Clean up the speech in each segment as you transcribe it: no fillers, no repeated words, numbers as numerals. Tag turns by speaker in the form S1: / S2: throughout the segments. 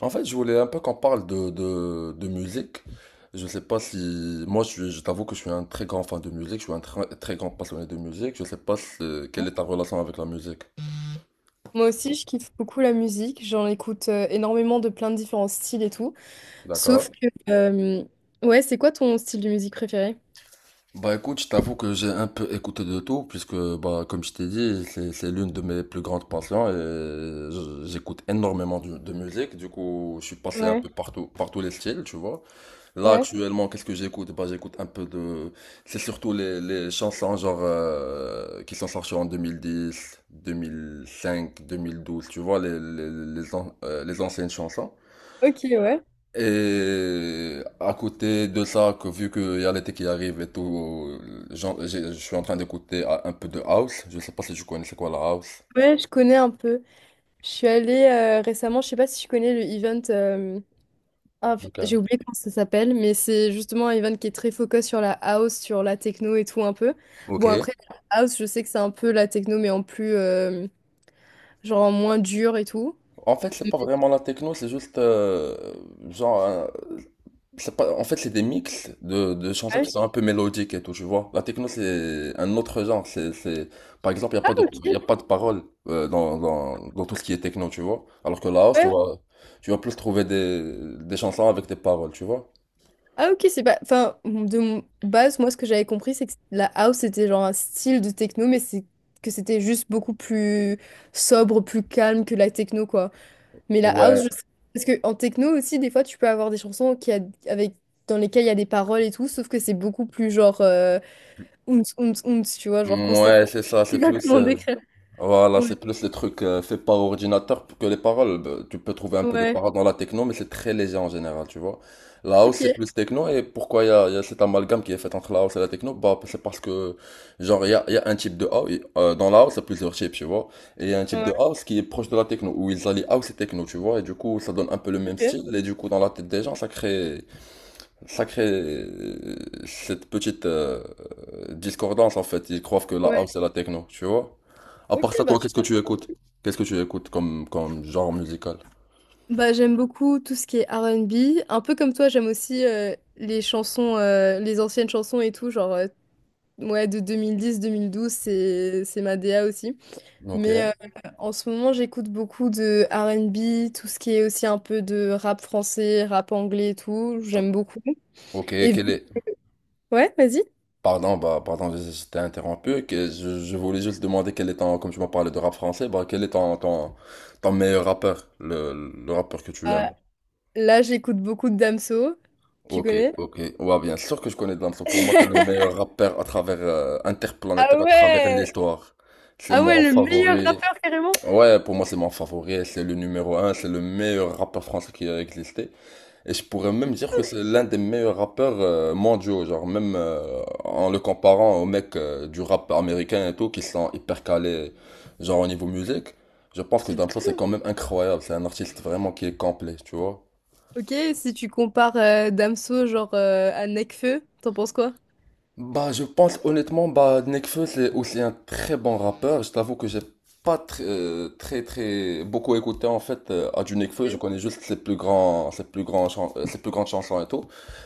S1: En fait, je voulais un peu qu'on parle de musique. Je sais pas si. Moi, je t'avoue que je suis un très grand fan de musique, je suis un très grand passionné de musique. Je sais pas si- Quelle est ta relation avec la musique?
S2: Moi aussi, je kiffe beaucoup la musique. J'en écoute énormément de plein de différents styles et tout.
S1: D'accord?
S2: Sauf que, euh, ouais, c'est quoi ton style de musique préféré?
S1: Bah écoute, je t'avoue que j'ai un peu écouté de tout, puisque, bah, comme je t'ai dit, c'est l'une de mes plus grandes passions et j'écoute énormément de musique. Du coup, je suis passé un
S2: Ouais.
S1: peu partout, par tous les styles, tu vois. Là,
S2: Ouais.
S1: actuellement, qu'est-ce que j'écoute? Bah, j'écoute un peu de. C'est surtout les chansons genre qui sont sorties en deux mille dix 2005 2012 tu vois, les anciennes chansons.
S2: Ok, ouais.
S1: Et à côté de ça, que vu qu'il y a l'été qui arrive et tout, je suis en train d'écouter un peu de house. Je sais pas si tu connais c'est quoi la house.
S2: Ouais, je connais un peu. Je suis allée récemment, je sais pas si tu connais le event,
S1: Ok.
S2: j'ai oublié comment ça s'appelle, mais c'est justement un event qui est très focus sur la house, sur la techno et tout un peu.
S1: Ok.
S2: Bon, après, la house, je sais que c'est un peu la techno, mais en plus, genre en moins dur et tout.
S1: En fait, c'est pas vraiment la techno, c'est juste genre. C'est pas, en fait, c'est des mix de chansons
S2: Ouais.
S1: qui sont un peu mélodiques et tout, tu vois. La techno, c'est un autre genre. Par exemple, il n'y a
S2: Ah,
S1: pas de,
S2: ok.
S1: y a pas de paroles dans tout ce qui est techno, tu vois. Alors que la house, tu
S2: Ouais.
S1: vas, tu vas plus trouver des chansons avec des paroles, tu vois.
S2: Ah ok, c'est pas... Enfin, de base, moi, ce que j'avais compris, c'est que la house, c'était genre un style de techno, mais c'est que c'était juste beaucoup plus sobre, plus calme que la techno, quoi. Mais la house, je...
S1: Ouais,
S2: Parce que en techno aussi, des fois, tu peux avoir des chansons qui a... avec... dans lesquelles il y a des paroles et tout, sauf que c'est beaucoup plus genre... Ounce, ounce, ounce, tu vois, genre constamment.
S1: ouais, c'est ça,
S2: Je sais pas comment décrire.
S1: Voilà,
S2: Ouais,
S1: c'est plus les trucs faits par ordinateur que les paroles. Bah, tu peux trouver un peu de
S2: ouais,
S1: paroles dans la techno, mais c'est très léger en général, tu vois. La house,
S2: ok.
S1: c'est plus techno, et pourquoi il y a cet amalgame qui est fait entre la house et la techno? Bah, c'est parce que, genre, il y a un type de house, dans la house, il y a plusieurs types, tu vois. Et il y a un type de
S2: Ouais,
S1: house qui est proche de la techno, où ils allient house et techno, tu vois, et du coup, ça donne un peu le même
S2: ok.
S1: style, et du coup, dans la tête des gens, ça sacré, cette petite discordance en fait, ils croient que la
S2: Ouais,
S1: house c'est la techno, tu vois. À
S2: ok,
S1: part ça,
S2: bah
S1: toi,
S2: tu
S1: qu'est-ce que tu écoutes? Qu'est-ce que tu écoutes comme genre musical?
S2: Bah, j'aime beaucoup tout ce qui est R&B. Un peu comme toi, j'aime aussi les anciennes chansons et tout, genre ouais, de 2010-2012, c'est ma DA aussi.
S1: Ok.
S2: Mais en ce moment, j'écoute beaucoup de R&B, tout ce qui est aussi un peu de rap français, rap anglais et tout, j'aime beaucoup.
S1: Ok,
S2: Et
S1: quel est...
S2: ouais, vas-y.
S1: Pardon, bah, pardon, je t'ai interrompu. Je voulais juste demander quel est ton, comme tu m'as parlé de rap français, bah, quel est ton meilleur rappeur, le rappeur que tu
S2: Euh,
S1: aimes?
S2: Là, j'écoute beaucoup de Damso, tu
S1: Ok,
S2: connais?
S1: ok. Ouais, bien sûr que je connais Damso. Pour moi, c'est le meilleur rappeur à travers,
S2: Ah
S1: interplanétaire à travers
S2: ouais!
S1: l'histoire. C'est
S2: Ah ouais,
S1: mon
S2: le meilleur
S1: favori.
S2: rappeur carrément!
S1: Ouais, pour moi, c'est mon favori, c'est le numéro un, c'est le meilleur rappeur français qui a existé. Et je pourrais même dire que c'est l'un des meilleurs rappeurs mondiaux, genre même en le comparant aux mecs du rap américain et tout, qui sont hyper calés, genre au niveau musique. Je pense que
S2: Tu te
S1: Damso, c'est
S2: trompes.
S1: quand même incroyable, c'est un artiste vraiment qui est complet, tu vois.
S2: Ok, si tu compares Damso genre à Nekfeu, t'en penses quoi?
S1: Bah, je pense honnêtement, bah, Nekfeu, c'est aussi un très bon rappeur. Je t'avoue que j'ai pas beaucoup écouté en fait à du Nekfeu. Je
S2: Ok.
S1: connais juste ses plus grandes chansons et tout.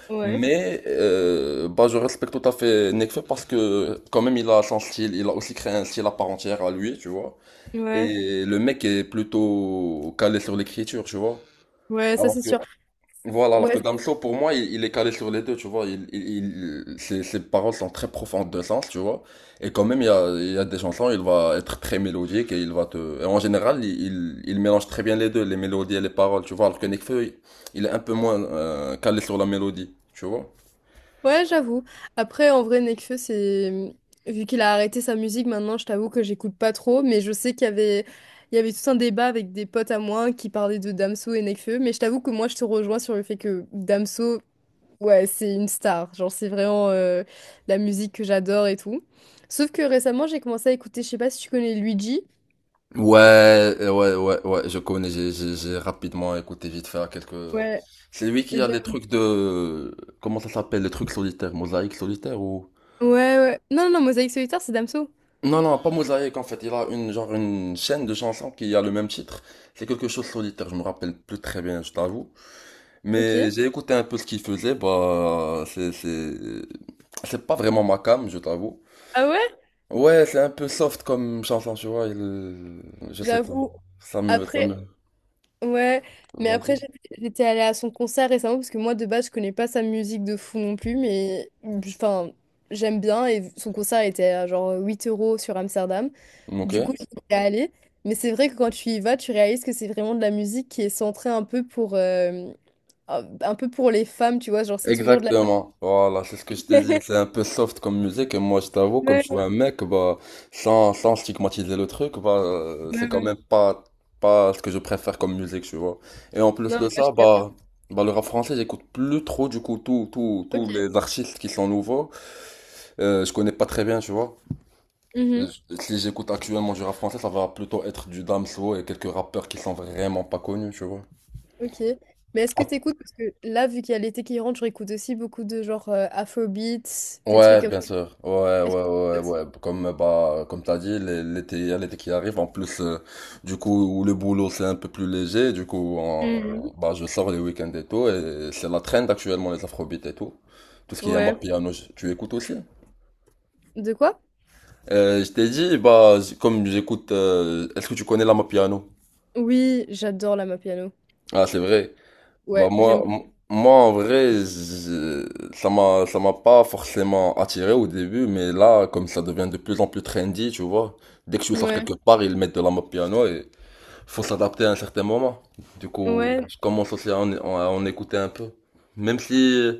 S2: Ouais,
S1: Mais bah, je respecte tout à fait Nekfeu parce que quand même, il a son style. Il a aussi créé un style à part entière à lui, tu vois.
S2: ouais,
S1: Et le mec est plutôt calé sur l'écriture, tu vois.
S2: ouais, ça c'est sûr.
S1: Voilà, alors que
S2: Ouais,
S1: Damso, pour moi, il est calé sur les deux, tu vois. Ses paroles sont très profondes de sens, tu vois. Et quand même, il y a des chansons, il va être très mélodique et Et en général, il mélange très bien les deux, les mélodies et les paroles, tu vois. Alors que Nekfeu, il est un peu moins calé sur la mélodie, tu vois.
S2: ouais, j'avoue. Après, en vrai, Nekfeu, c'est vu qu'il a arrêté sa musique, maintenant, je t'avoue que j'écoute pas trop, mais je sais qu'il y avait tout un débat avec des potes à moi qui parlaient de Damso et Nekfeu, mais je t'avoue que moi, je te rejoins sur le fait que Damso, ouais, c'est une star. Genre, c'est vraiment la musique que j'adore et tout. Sauf que récemment, j'ai commencé à écouter, je sais pas si tu connais Luigi.
S1: Ouais, ouais, ouais, ouais, je connais, j'ai rapidement écouté vite fait à quelques...
S2: Ouais.
S1: C'est lui qui a les trucs Comment ça s'appelle? Les trucs solitaires, mosaïque solitaire
S2: Ouais, ouais. Non, non, non, Mosaïque solitaire, c'est Damso.
S1: Non, non, pas Mosaïque en fait. Il a une chaîne de chansons qui a le même titre. C'est quelque chose de solitaire, je me rappelle plus très bien, je t'avoue.
S2: Ok.
S1: Mais j'ai écouté un peu ce qu'il faisait, bah, c'est pas vraiment ma came, je t'avoue.
S2: Ah ouais?
S1: Ouais, c'est un peu soft comme chanson, tu vois, je sais pas.
S2: J'avoue.
S1: Ça me, ça
S2: Après,
S1: me,
S2: ouais. Mais après,
S1: Vas-y.
S2: j'étais allée à son concert récemment parce que moi, de base, je connais pas sa musique de fou non plus, mais enfin, j'aime bien. Et son concert était à genre 8 € sur Amsterdam.
S1: Ok.
S2: Du coup, j'y suis allée. Mais c'est vrai que quand tu y vas, tu réalises que c'est vraiment de la musique qui est centrée un peu pour les femmes, tu vois. Genre, c'est toujours de la.
S1: Exactement, voilà, c'est ce que je t'ai dit, c'est un peu soft comme musique, et moi je t'avoue, comme
S2: Ouais,
S1: je suis un mec, bah, sans stigmatiser le truc, bah, c'est
S2: ouais,
S1: quand
S2: ouais.
S1: même pas ce que je préfère comme musique, tu vois. Et en plus
S2: Non,
S1: de
S2: moi, je
S1: ça,
S2: capte.
S1: bah le rap français, j'écoute plus trop, du coup, tous tous
S2: Ok.
S1: tous les artistes qui sont nouveaux, je connais pas très bien, tu vois. Euh,
S2: Mhm.
S1: Si j'écoute actuellement du rap français, ça va plutôt être du Damso et quelques rappeurs qui sont vraiment pas connus, tu vois.
S2: Ok. Mais est-ce que t'écoutes? Parce que là, vu qu'il y a l'été qui rentre, je réécoute aussi beaucoup de genre Afrobeats, des trucs
S1: Ouais,
S2: comme...
S1: bien sûr. Ouais,
S2: Est-ce
S1: ouais,
S2: que-
S1: ouais, ouais. Comme bah, comme t'as dit, l'été, il y a l'été qui arrive. En plus, du coup, où le boulot c'est un peu plus léger. Du coup,
S2: Mm.
S1: bah, je sors les week-ends et tout. Et c'est la trend actuellement les afrobeats et tout. Tout ce qui est Amar
S2: Ouais.
S1: Piano, tu écoutes aussi.
S2: De quoi?
S1: Je t'ai dit, bah, comme j'écoute. Est-ce que tu connais l'Amar Piano?
S2: Oui, j'adore la Mapiano.
S1: Ah, c'est vrai. Bah
S2: Ouais,
S1: moi,
S2: j'aime.
S1: moi en vrai, ça m'a pas forcément attiré au début, mais là, comme ça devient de plus en plus trendy, tu vois, dès que je sors
S2: Ouais,
S1: quelque part, ils mettent de la mode piano et faut s'adapter à un certain moment. Du coup,
S2: ouais.
S1: je commence aussi à en écouter un peu. Même si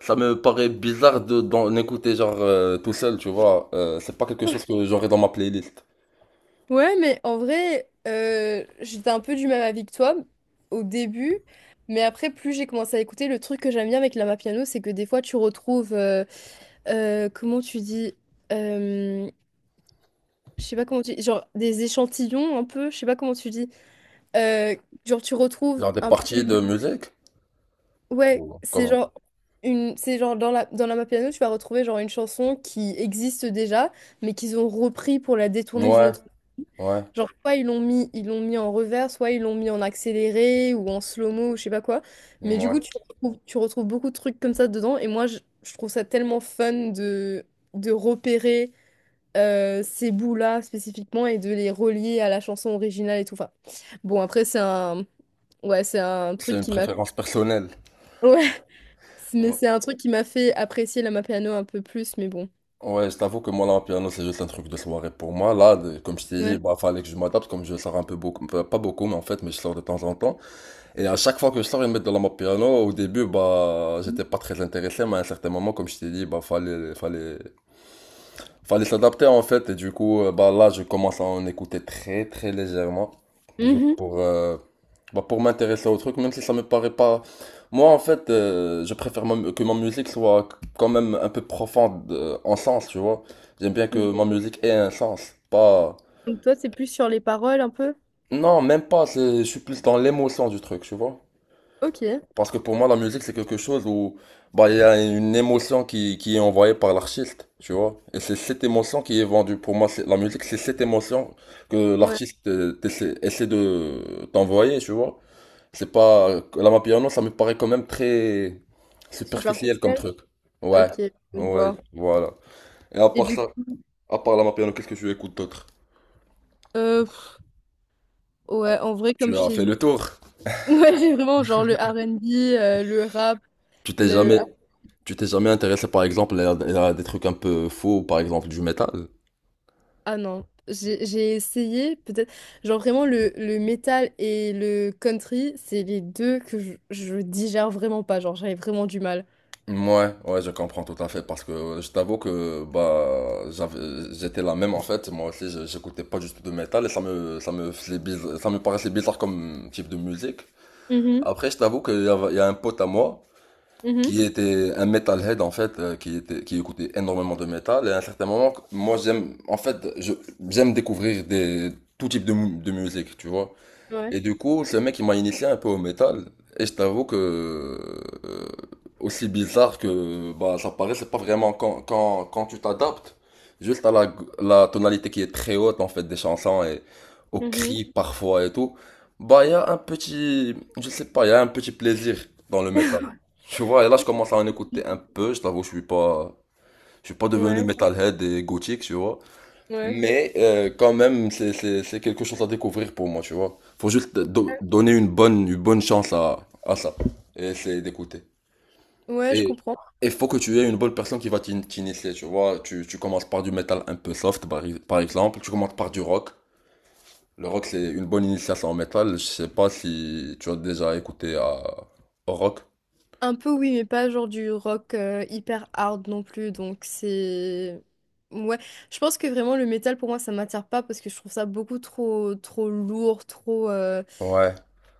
S1: ça me paraît bizarre d'en écouter genre tout seul, tu vois, c'est pas quelque chose que j'aurais dans ma playlist.
S2: Ouais, mais en vrai, j'étais un peu du même avis que toi au début, mais après, plus j'ai commencé à écouter, le truc que j'aime bien avec la piano, c'est que des fois, tu retrouves, comment tu dis, euh, je sais pas comment tu dis, genre des échantillons un peu, je sais pas comment tu dis, Euh, genre, tu retrouves
S1: Genre des
S2: un peu
S1: parties
S2: le...
S1: de musique?
S2: Ouais,
S1: Ou
S2: c'est
S1: comment?
S2: genre... Une... C'est genre dans la Mapiano, tu vas retrouver genre une chanson qui existe déjà, mais qu'ils ont repris pour la détourner d'une
S1: Ouais,
S2: autre.
S1: ouais,
S2: Genre, soit ils l'ont mis en revers, soit ils l'ont mis en accéléré ou en slow-mo ou je sais pas quoi. Mais du
S1: ouais.
S2: coup, tu retrouves beaucoup de trucs comme ça dedans. Et moi, je trouve ça tellement fun de repérer ces bouts-là spécifiquement et de les relier à la chanson originale et tout. Enfin, bon, après, c'est un... Ouais, c'est un
S1: C'est
S2: truc
S1: une
S2: qui m'a...
S1: préférence personnelle.
S2: Ouais, mais c'est un truc qui m'a fait apprécier la Mapiano un peu plus, mais bon.
S1: Ouais, je t'avoue que moi, là, un piano, c'est juste un truc de soirée pour moi. Là, comme je t'ai dit,
S2: Ouais.
S1: bah, fallait que je m'adapte, comme je sors un peu beaucoup, pas beaucoup, mais en fait, mais je sors de temps en temps. Et à chaque fois que je sors, ils mettent de la mode piano. Au début, bah, j'étais pas très intéressé, mais à un certain moment, comme je t'ai dit, bah, fallait s'adapter en fait, et du coup, bah là, je commence à en écouter très très légèrement, juste
S2: Mhm.
S1: pour, bah, pour m'intéresser au truc, même si ça me paraît pas. Moi, en fait, je préfère que ma musique soit quand même un peu profonde en sens, tu vois. J'aime bien que ma
S2: Ok.
S1: musique ait un sens, pas.
S2: Donc toi, c'est plus sur les paroles un peu?
S1: Non, même pas, je suis plus dans l'émotion du truc, tu vois.
S2: Ok.
S1: Parce que pour moi, la musique, c'est quelque chose où bah, il y a une émotion qui est envoyée par l'artiste, tu vois. Et c'est cette émotion qui est vendue. Pour moi, la musique, c'est cette émotion que
S2: Ouais.
S1: l'artiste essaie de t'envoyer, tu vois. C'est pas. La Mapiano, ça me paraît quand même très superficiel comme
S2: Superficielle.
S1: truc.
S2: Ok,
S1: Ouais,
S2: je
S1: ouais,
S2: vois.
S1: voilà. Et
S2: Et du coup,
S1: à part la Mapiano, qu'est-ce que tu écoutes d'autre?
S2: euh, pff, ouais, en vrai,
S1: Tu
S2: comme je
S1: as
S2: t'ai
S1: fait
S2: dit,
S1: le tour.
S2: ouais, j'ai vraiment genre le R&B, le rap,
S1: Tu t'es
S2: le...
S1: jamais... Tu t'es jamais intéressé, par exemple, à des trucs un peu faux, par exemple, du métal?
S2: Ah non, j'ai essayé, peut-être, genre vraiment le métal et le country, c'est les deux que je digère vraiment pas, genre j'avais vraiment du mal.
S1: Ouais, ouais, je comprends tout à fait parce que je t'avoue que bah j'étais la même en fait, moi aussi j'écoutais pas du tout de métal et ça me paraissait bizarre comme type de musique.
S2: Mhm,
S1: Après je t'avoue qu'il y a un pote à moi
S2: mhm.
S1: qui était un metalhead en fait qui écoutait énormément de métal et à un certain moment moi j'aime en fait je j'aime découvrir des tout type de de musique, tu vois.
S2: Ouais.
S1: Et du coup, ce mec, il m'a initié un peu au métal. Et je t'avoue que, aussi bizarre que bah, ça paraît, c'est pas vraiment quand tu t'adaptes juste à la tonalité qui est très haute en fait des chansons et aux
S2: Mhm.
S1: cris parfois et tout. Bah, il y a un petit, je sais pas, il y a un petit plaisir dans le métal. Tu vois, et là, je commence à en écouter un peu. Je t'avoue, je suis pas devenu
S2: Ouais.
S1: metalhead et gothique, tu vois.
S2: Ouais.
S1: Mais quand même, c'est quelque chose à découvrir pour moi, tu vois. Faut juste donner une bonne chance à ça. Et c'est d'écouter.
S2: Ouais, je
S1: Et
S2: comprends.
S1: il faut que tu aies une bonne personne qui va t'initier, tu vois. Tu commences par du métal un peu soft, par, par exemple. Tu commences par du rock. Le rock, c'est une bonne initiation en métal. Je sais pas si tu as déjà écouté au rock.
S2: Un peu oui, mais pas genre du rock hyper hard non plus. Donc c'est... Ouais. Je pense que vraiment le métal pour moi ça m'attire pas parce que je trouve ça beaucoup trop trop lourd, trop...
S1: Ouais.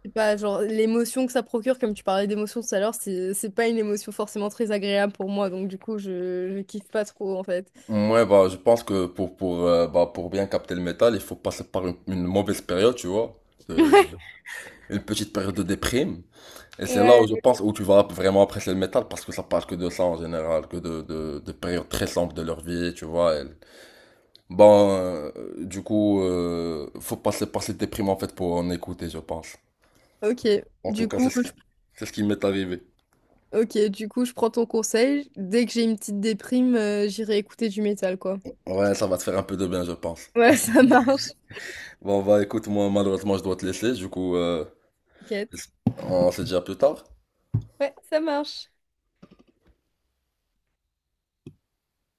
S2: je sais pas, genre l'émotion que ça procure, comme tu parlais d'émotion tout à l'heure, c'est pas une émotion forcément très agréable pour moi. Donc du coup je kiffe pas trop en fait.
S1: Ouais, bah, je pense que bah, pour bien capter le métal, il faut passer par une mauvaise période, tu vois. Euh, une petite période de déprime. Et c'est là où
S2: Ouais.
S1: je
S2: Ouais.
S1: pense où tu vas vraiment apprécier le métal parce que ça parle que de ça en général, que de périodes très sombres de leur vie, tu vois. Bon, du coup, faut passer par cette déprime en fait pour en écouter, je pense.
S2: Ok,
S1: En tout
S2: du
S1: cas,
S2: coup, je...
S1: c'est ce qui m'est arrivé.
S2: ok, du coup, je prends ton conseil. Dès que j'ai une petite déprime, j'irai écouter du métal, quoi.
S1: Ouais, ça va te faire un peu de bien, je pense.
S2: Ouais, ça marche.
S1: Bon, bah écoute, moi malheureusement, je dois te laisser, du coup,
S2: T'inquiète.
S1: on se dit à plus tard.
S2: Ouais, ça marche.